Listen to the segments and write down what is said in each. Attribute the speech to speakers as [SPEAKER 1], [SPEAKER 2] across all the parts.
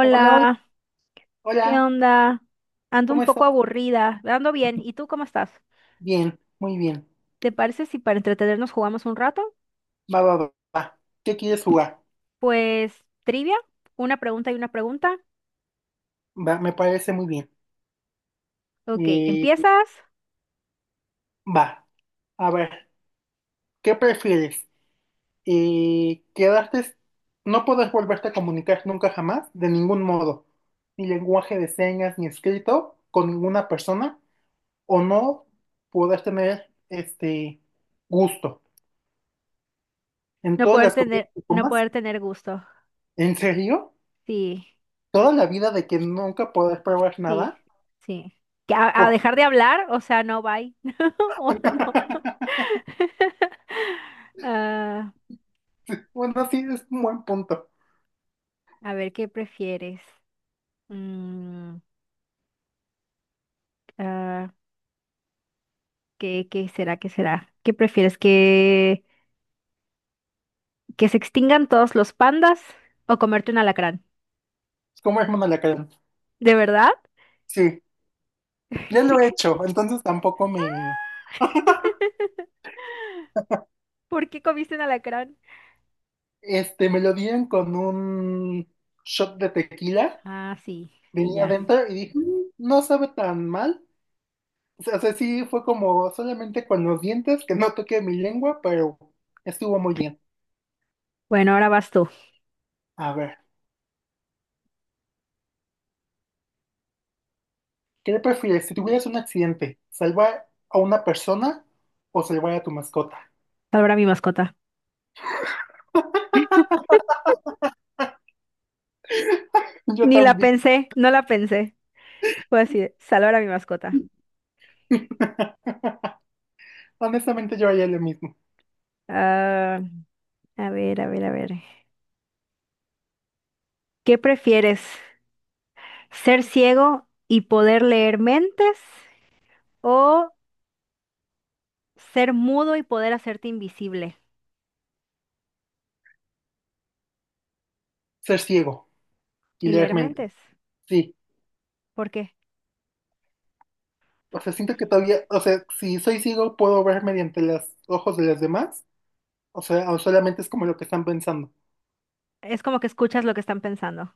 [SPEAKER 1] Hola, hola,
[SPEAKER 2] ¿qué
[SPEAKER 1] hola,
[SPEAKER 2] onda? Ando un
[SPEAKER 1] ¿cómo
[SPEAKER 2] poco
[SPEAKER 1] estás?
[SPEAKER 2] aburrida, ando bien. ¿Y tú cómo estás?
[SPEAKER 1] Bien, muy bien.
[SPEAKER 2] ¿Te parece si para entretenernos jugamos un rato?
[SPEAKER 1] Va, va, va, va. ¿Qué quieres jugar?
[SPEAKER 2] Pues trivia, una pregunta y una pregunta.
[SPEAKER 1] Va, me parece muy bien.
[SPEAKER 2] Ok,
[SPEAKER 1] Eh,
[SPEAKER 2] empiezas.
[SPEAKER 1] va, a ver, ¿qué prefieres? Quedarte, no podrás volverte a comunicar nunca jamás, de ningún modo, ni lenguaje de señas, ni escrito, con ninguna persona, o no podrás tener este gusto en
[SPEAKER 2] No
[SPEAKER 1] todas
[SPEAKER 2] poder
[SPEAKER 1] las
[SPEAKER 2] tener,
[SPEAKER 1] comidas que
[SPEAKER 2] no
[SPEAKER 1] comas.
[SPEAKER 2] poder tener gusto.
[SPEAKER 1] ¿En serio?
[SPEAKER 2] Sí,
[SPEAKER 1] ¿Toda la vida de que nunca podrás probar
[SPEAKER 2] sí,
[SPEAKER 1] nada?
[SPEAKER 2] sí. ¿A dejar de hablar? O sea, no, bye. O no. Ah,
[SPEAKER 1] Bueno, sí, es un buen punto.
[SPEAKER 2] a ver, ¿qué prefieres? Mm, ah, ¿qué será? ¿Qué será? ¿Qué prefieres? ¿Que se extingan todos los pandas o comerte un alacrán?
[SPEAKER 1] Es como hermano la cara.
[SPEAKER 2] ¿De verdad?
[SPEAKER 1] Sí, ya lo he hecho, entonces tampoco me,
[SPEAKER 2] ¿Por qué comiste un alacrán?
[SPEAKER 1] me lo dieron con un shot de tequila,
[SPEAKER 2] Ah, sí, sí,
[SPEAKER 1] venía
[SPEAKER 2] ya.
[SPEAKER 1] adentro y dije, "Mm, no sabe tan mal. O sea, sí fue como solamente con los dientes, que no toqué mi lengua, pero estuvo muy bien.
[SPEAKER 2] Bueno, ahora vas tú.
[SPEAKER 1] A ver, ¿qué prefieres si tuvieras un accidente? ¿Salvar a una persona o salvar a tu mascota?
[SPEAKER 2] Salvar a mi mascota.
[SPEAKER 1] Yo
[SPEAKER 2] Ni la
[SPEAKER 1] también.
[SPEAKER 2] pensé, no la pensé. Fue así, salvar a mi mascota.
[SPEAKER 1] Honestamente, yo haría lo mismo.
[SPEAKER 2] Ah, a ver, a ver, a ver. ¿Qué prefieres? ¿Ser ciego y poder leer mentes? ¿O ser mudo y poder hacerte invisible
[SPEAKER 1] Ser ciego y
[SPEAKER 2] y
[SPEAKER 1] leer
[SPEAKER 2] leer
[SPEAKER 1] mente.
[SPEAKER 2] mentes?
[SPEAKER 1] Sí.
[SPEAKER 2] ¿Por qué?
[SPEAKER 1] O sea, siento que todavía, o sea, si soy ciego puedo ver mediante los ojos de los demás. O sea, o solamente es como lo que están pensando.
[SPEAKER 2] Es como que escuchas lo que están pensando.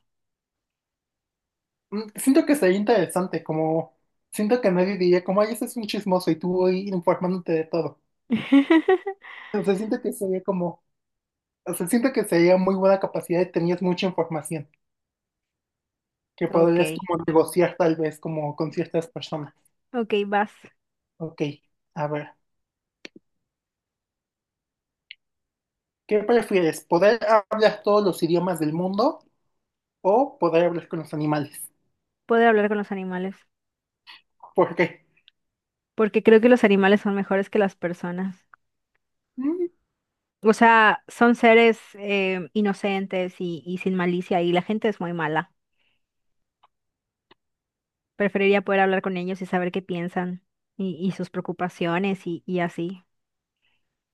[SPEAKER 1] Siento que sería interesante, como siento que nadie diría como, ay, ese es un chismoso y tú voy informándote de todo. O sea, siento que sería como, o sea, siento que sería muy buena capacidad y tenías mucha información que
[SPEAKER 2] Ok,
[SPEAKER 1] podrías como negociar tal vez como con ciertas personas.
[SPEAKER 2] ok, vas.
[SPEAKER 1] Ok, a ver, ¿qué prefieres? ¿Poder hablar todos los idiomas del mundo o poder hablar con los animales?
[SPEAKER 2] Poder hablar con los animales,
[SPEAKER 1] Porque
[SPEAKER 2] porque creo que los animales son mejores que las personas.
[SPEAKER 1] mm,
[SPEAKER 2] O sea, son seres inocentes y sin malicia y la gente es muy mala. Preferiría poder hablar con ellos y saber qué piensan y sus preocupaciones y así.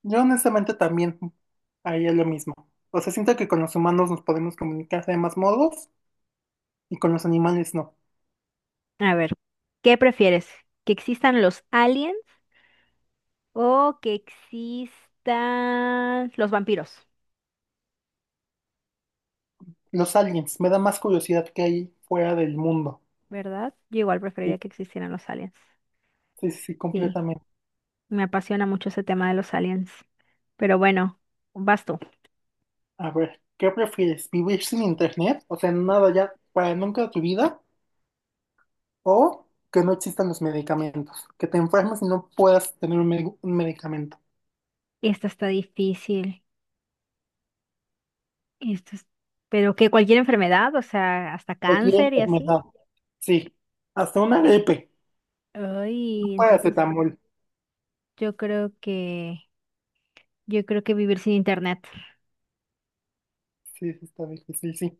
[SPEAKER 1] yo honestamente también haría lo mismo. O sea, siento que con los humanos nos podemos comunicar de más modos y con los animales no.
[SPEAKER 2] A ver, ¿qué prefieres? ¿Que existan los aliens o que existan los vampiros?
[SPEAKER 1] Los aliens, me da más curiosidad que hay fuera del mundo.
[SPEAKER 2] ¿Verdad? Yo igual
[SPEAKER 1] Sí,
[SPEAKER 2] preferiría que existieran los aliens.
[SPEAKER 1] sí, sí,
[SPEAKER 2] Sí.
[SPEAKER 1] completamente.
[SPEAKER 2] Me apasiona mucho ese tema de los aliens. Pero bueno, vas tú.
[SPEAKER 1] A ver, ¿qué prefieres? ¿Vivir sin internet? O sea, nada ya para nunca de tu vida o que no existan los medicamentos. Que te enfermes y no puedas tener un medicamento.
[SPEAKER 2] Esta está difícil. Esto es. Pero que cualquier enfermedad, o sea, hasta
[SPEAKER 1] Cualquier
[SPEAKER 2] cáncer y así.
[SPEAKER 1] enfermedad. Sí, hasta una gripe.
[SPEAKER 2] Ay, entonces
[SPEAKER 1] Paracetamol.
[SPEAKER 2] yo creo que yo creo que vivir sin internet.
[SPEAKER 1] Sí, sí, está bien. Sí, sí,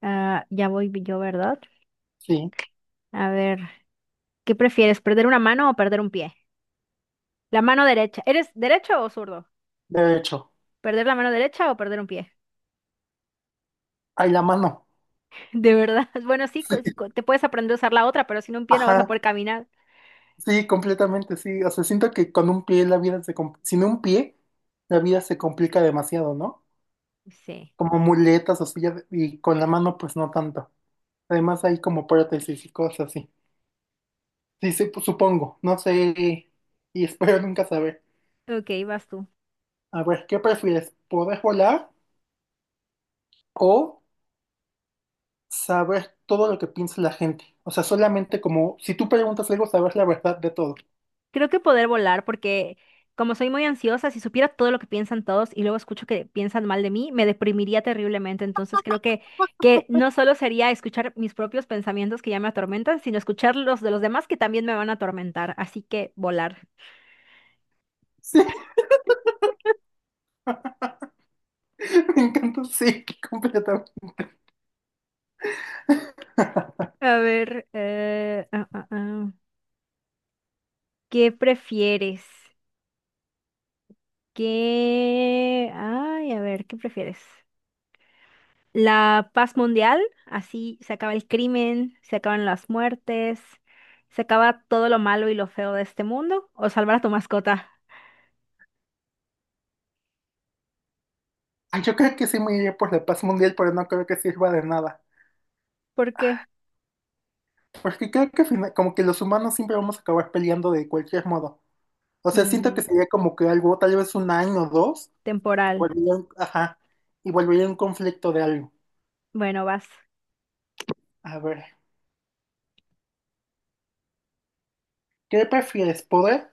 [SPEAKER 2] Ah, ya voy yo, ¿verdad?
[SPEAKER 1] sí.
[SPEAKER 2] A ver, ¿qué prefieres, perder una mano o perder un pie? La mano derecha. ¿Eres derecho o zurdo?
[SPEAKER 1] De hecho,
[SPEAKER 2] ¿Perder la mano derecha o perder un pie?
[SPEAKER 1] hay la mano.
[SPEAKER 2] De verdad. Bueno, sí, te puedes aprender a usar la otra, pero sin un pie no vas a
[SPEAKER 1] Ajá.
[SPEAKER 2] poder caminar.
[SPEAKER 1] Sí, completamente, sí. O sea, siento que con un pie la vida se complica. Sin un pie, la vida se complica demasiado, ¿no?
[SPEAKER 2] Sí.
[SPEAKER 1] Como muletas o silla y con la mano, pues no tanto. Además, hay como prótesis y cosas así. Sí, sí, pues, supongo. No sé. Y espero nunca saber.
[SPEAKER 2] Ok, vas tú.
[SPEAKER 1] A ver, ¿qué prefieres? ¿Poder volar o saber todo lo que piensa la gente? O sea, solamente como si tú preguntas algo, saber la verdad de todo.
[SPEAKER 2] Creo que poder volar, porque como soy muy ansiosa, si supiera todo lo que piensan todos y luego escucho que piensan mal de mí, me deprimiría terriblemente. Entonces creo que no solo sería escuchar mis propios pensamientos que ya me atormentan, sino escuchar los de los demás que también me van a atormentar. Así que volar.
[SPEAKER 1] Sí, me encanta, sí, completamente.
[SPEAKER 2] A ver, ¿qué prefieres? ¿Qué? Ay, a ver, ¿qué prefieres? La paz mundial, así se acaba el crimen, se acaban las muertes, se acaba todo lo malo y lo feo de este mundo, o salvar a tu mascota.
[SPEAKER 1] Ah, yo creo que sí me iría por la paz mundial, pero no creo que sirva de nada.
[SPEAKER 2] ¿Por qué?
[SPEAKER 1] Porque creo que al como que los humanos siempre vamos a acabar peleando de cualquier modo. O sea, siento que
[SPEAKER 2] Mm,
[SPEAKER 1] sería como que algo, tal vez un año o dos, y
[SPEAKER 2] temporal.
[SPEAKER 1] volvería ajá, y volvería un conflicto de algo.
[SPEAKER 2] Bueno, vas.
[SPEAKER 1] A ver, ¿qué prefieres? ¿Poder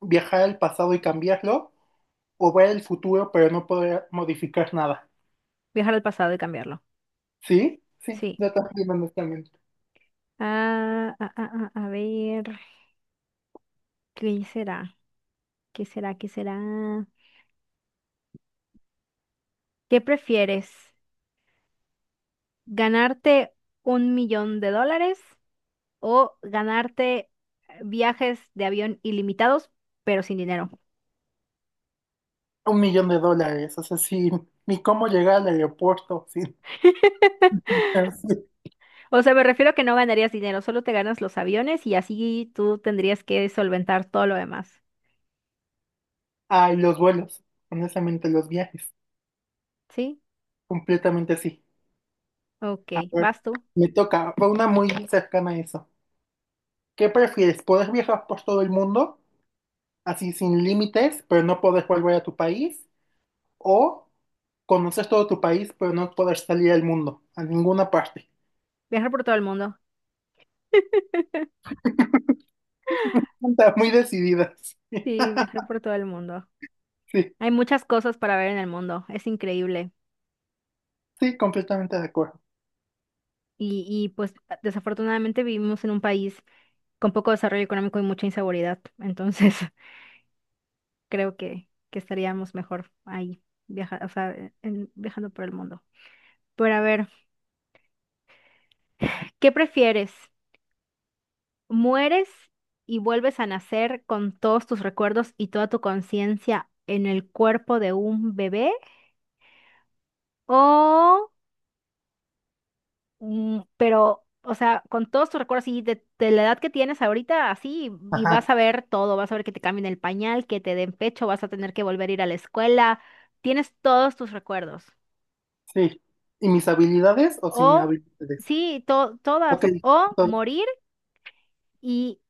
[SPEAKER 1] viajar al pasado y cambiarlo? ¿O ver el futuro pero no poder modificar nada?
[SPEAKER 2] Viajar al pasado y cambiarlo.
[SPEAKER 1] ¿Sí? Sí,
[SPEAKER 2] Sí.
[SPEAKER 1] yo también, honestamente.
[SPEAKER 2] A ver, ¿qué será? ¿Qué será? ¿Qué será? ¿Qué prefieres? ¿Ganarte $1,000,000 o ganarte viajes de avión ilimitados, pero sin dinero?
[SPEAKER 1] Un millón de dólares, o sea, sin ni cómo llegar al aeropuerto, sin...
[SPEAKER 2] O sea, me refiero a que no ganarías dinero, solo te ganas los aviones y así tú tendrías que solventar todo lo demás.
[SPEAKER 1] Ay, los vuelos, honestamente, los viajes,
[SPEAKER 2] ¿Sí?
[SPEAKER 1] completamente sí. A
[SPEAKER 2] Ok,
[SPEAKER 1] ver,
[SPEAKER 2] vas tú.
[SPEAKER 1] me toca, va una muy cercana a eso. ¿Qué prefieres? ¿Poder viajar por todo el mundo, así sin límites, pero no poder volver a tu país? ¿O conocer todo tu país, pero no poder salir al mundo, a ninguna parte?
[SPEAKER 2] Viajar por todo el mundo.
[SPEAKER 1] Está muy decidida.
[SPEAKER 2] Sí, viajar por todo el mundo.
[SPEAKER 1] Sí, sí,
[SPEAKER 2] Hay muchas cosas para ver en el mundo, es increíble.
[SPEAKER 1] sí, completamente de acuerdo.
[SPEAKER 2] Y pues desafortunadamente vivimos en un país con poco desarrollo económico y mucha inseguridad, entonces creo que estaríamos mejor ahí, o sea, viajando por el mundo. Pero a ver, ¿qué prefieres? Mueres y vuelves a nacer con todos tus recuerdos y toda tu conciencia en el cuerpo de un bebé. O, pero, o sea, con todos tus recuerdos y de la edad que tienes ahorita, así, y vas
[SPEAKER 1] Ajá,
[SPEAKER 2] a ver todo, vas a ver que te cambien el pañal, que te den pecho, vas a tener que volver a ir a la escuela, tienes todos tus recuerdos.
[SPEAKER 1] sí. ¿Y mis habilidades o sin mis
[SPEAKER 2] O,
[SPEAKER 1] habilidades?
[SPEAKER 2] sí, todas,
[SPEAKER 1] Ok,
[SPEAKER 2] o
[SPEAKER 1] entonces,
[SPEAKER 2] morir y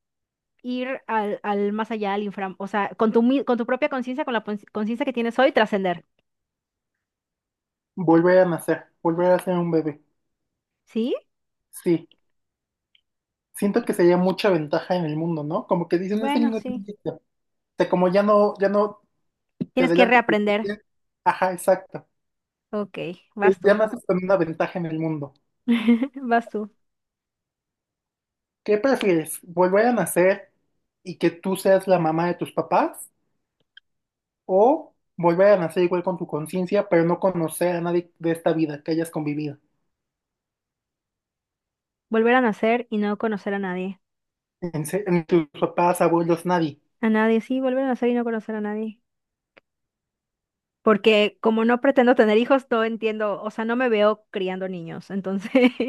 [SPEAKER 2] ir al más allá, al infra, o sea, con tu propia conciencia, con la conciencia que tienes hoy, trascender,
[SPEAKER 1] volver a nacer, volver a ser un bebé.
[SPEAKER 2] ¿sí?
[SPEAKER 1] Sí, siento que sería mucha ventaja en el mundo, ¿no? Como que dicen, ese
[SPEAKER 2] Bueno,
[SPEAKER 1] niño tiene
[SPEAKER 2] sí.
[SPEAKER 1] o sea, como ya no, ya no te
[SPEAKER 2] Tienes que
[SPEAKER 1] adelantas.
[SPEAKER 2] reaprender.
[SPEAKER 1] Ajá, exacto.
[SPEAKER 2] Ok,
[SPEAKER 1] Que
[SPEAKER 2] vas
[SPEAKER 1] ya
[SPEAKER 2] tú.
[SPEAKER 1] naces con una ventaja en el mundo.
[SPEAKER 2] Vas tú.
[SPEAKER 1] ¿Qué prefieres? ¿Volver a nacer y que tú seas la mamá de tus papás? ¿O volver a nacer igual con tu conciencia, pero no conocer a nadie de esta vida que hayas convivido?
[SPEAKER 2] Volver a nacer y no conocer a nadie.
[SPEAKER 1] En tus papás, abuelos, nadie.
[SPEAKER 2] A nadie, sí, volver a nacer y no conocer a nadie. Porque como no pretendo tener hijos, no entiendo, o sea, no me veo criando niños, entonces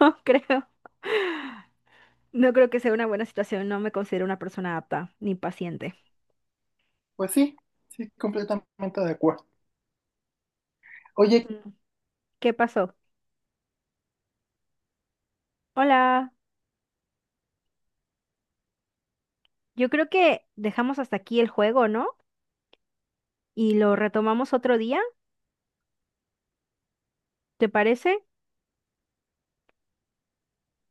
[SPEAKER 2] no creo. No creo que sea una buena situación, no me considero una persona apta ni paciente.
[SPEAKER 1] Pues sí, sí, completamente de acuerdo. Oye,
[SPEAKER 2] Mm. ¿Qué pasó? Hola. Yo creo que dejamos hasta aquí el juego, ¿no? Y lo retomamos otro día, ¿te parece?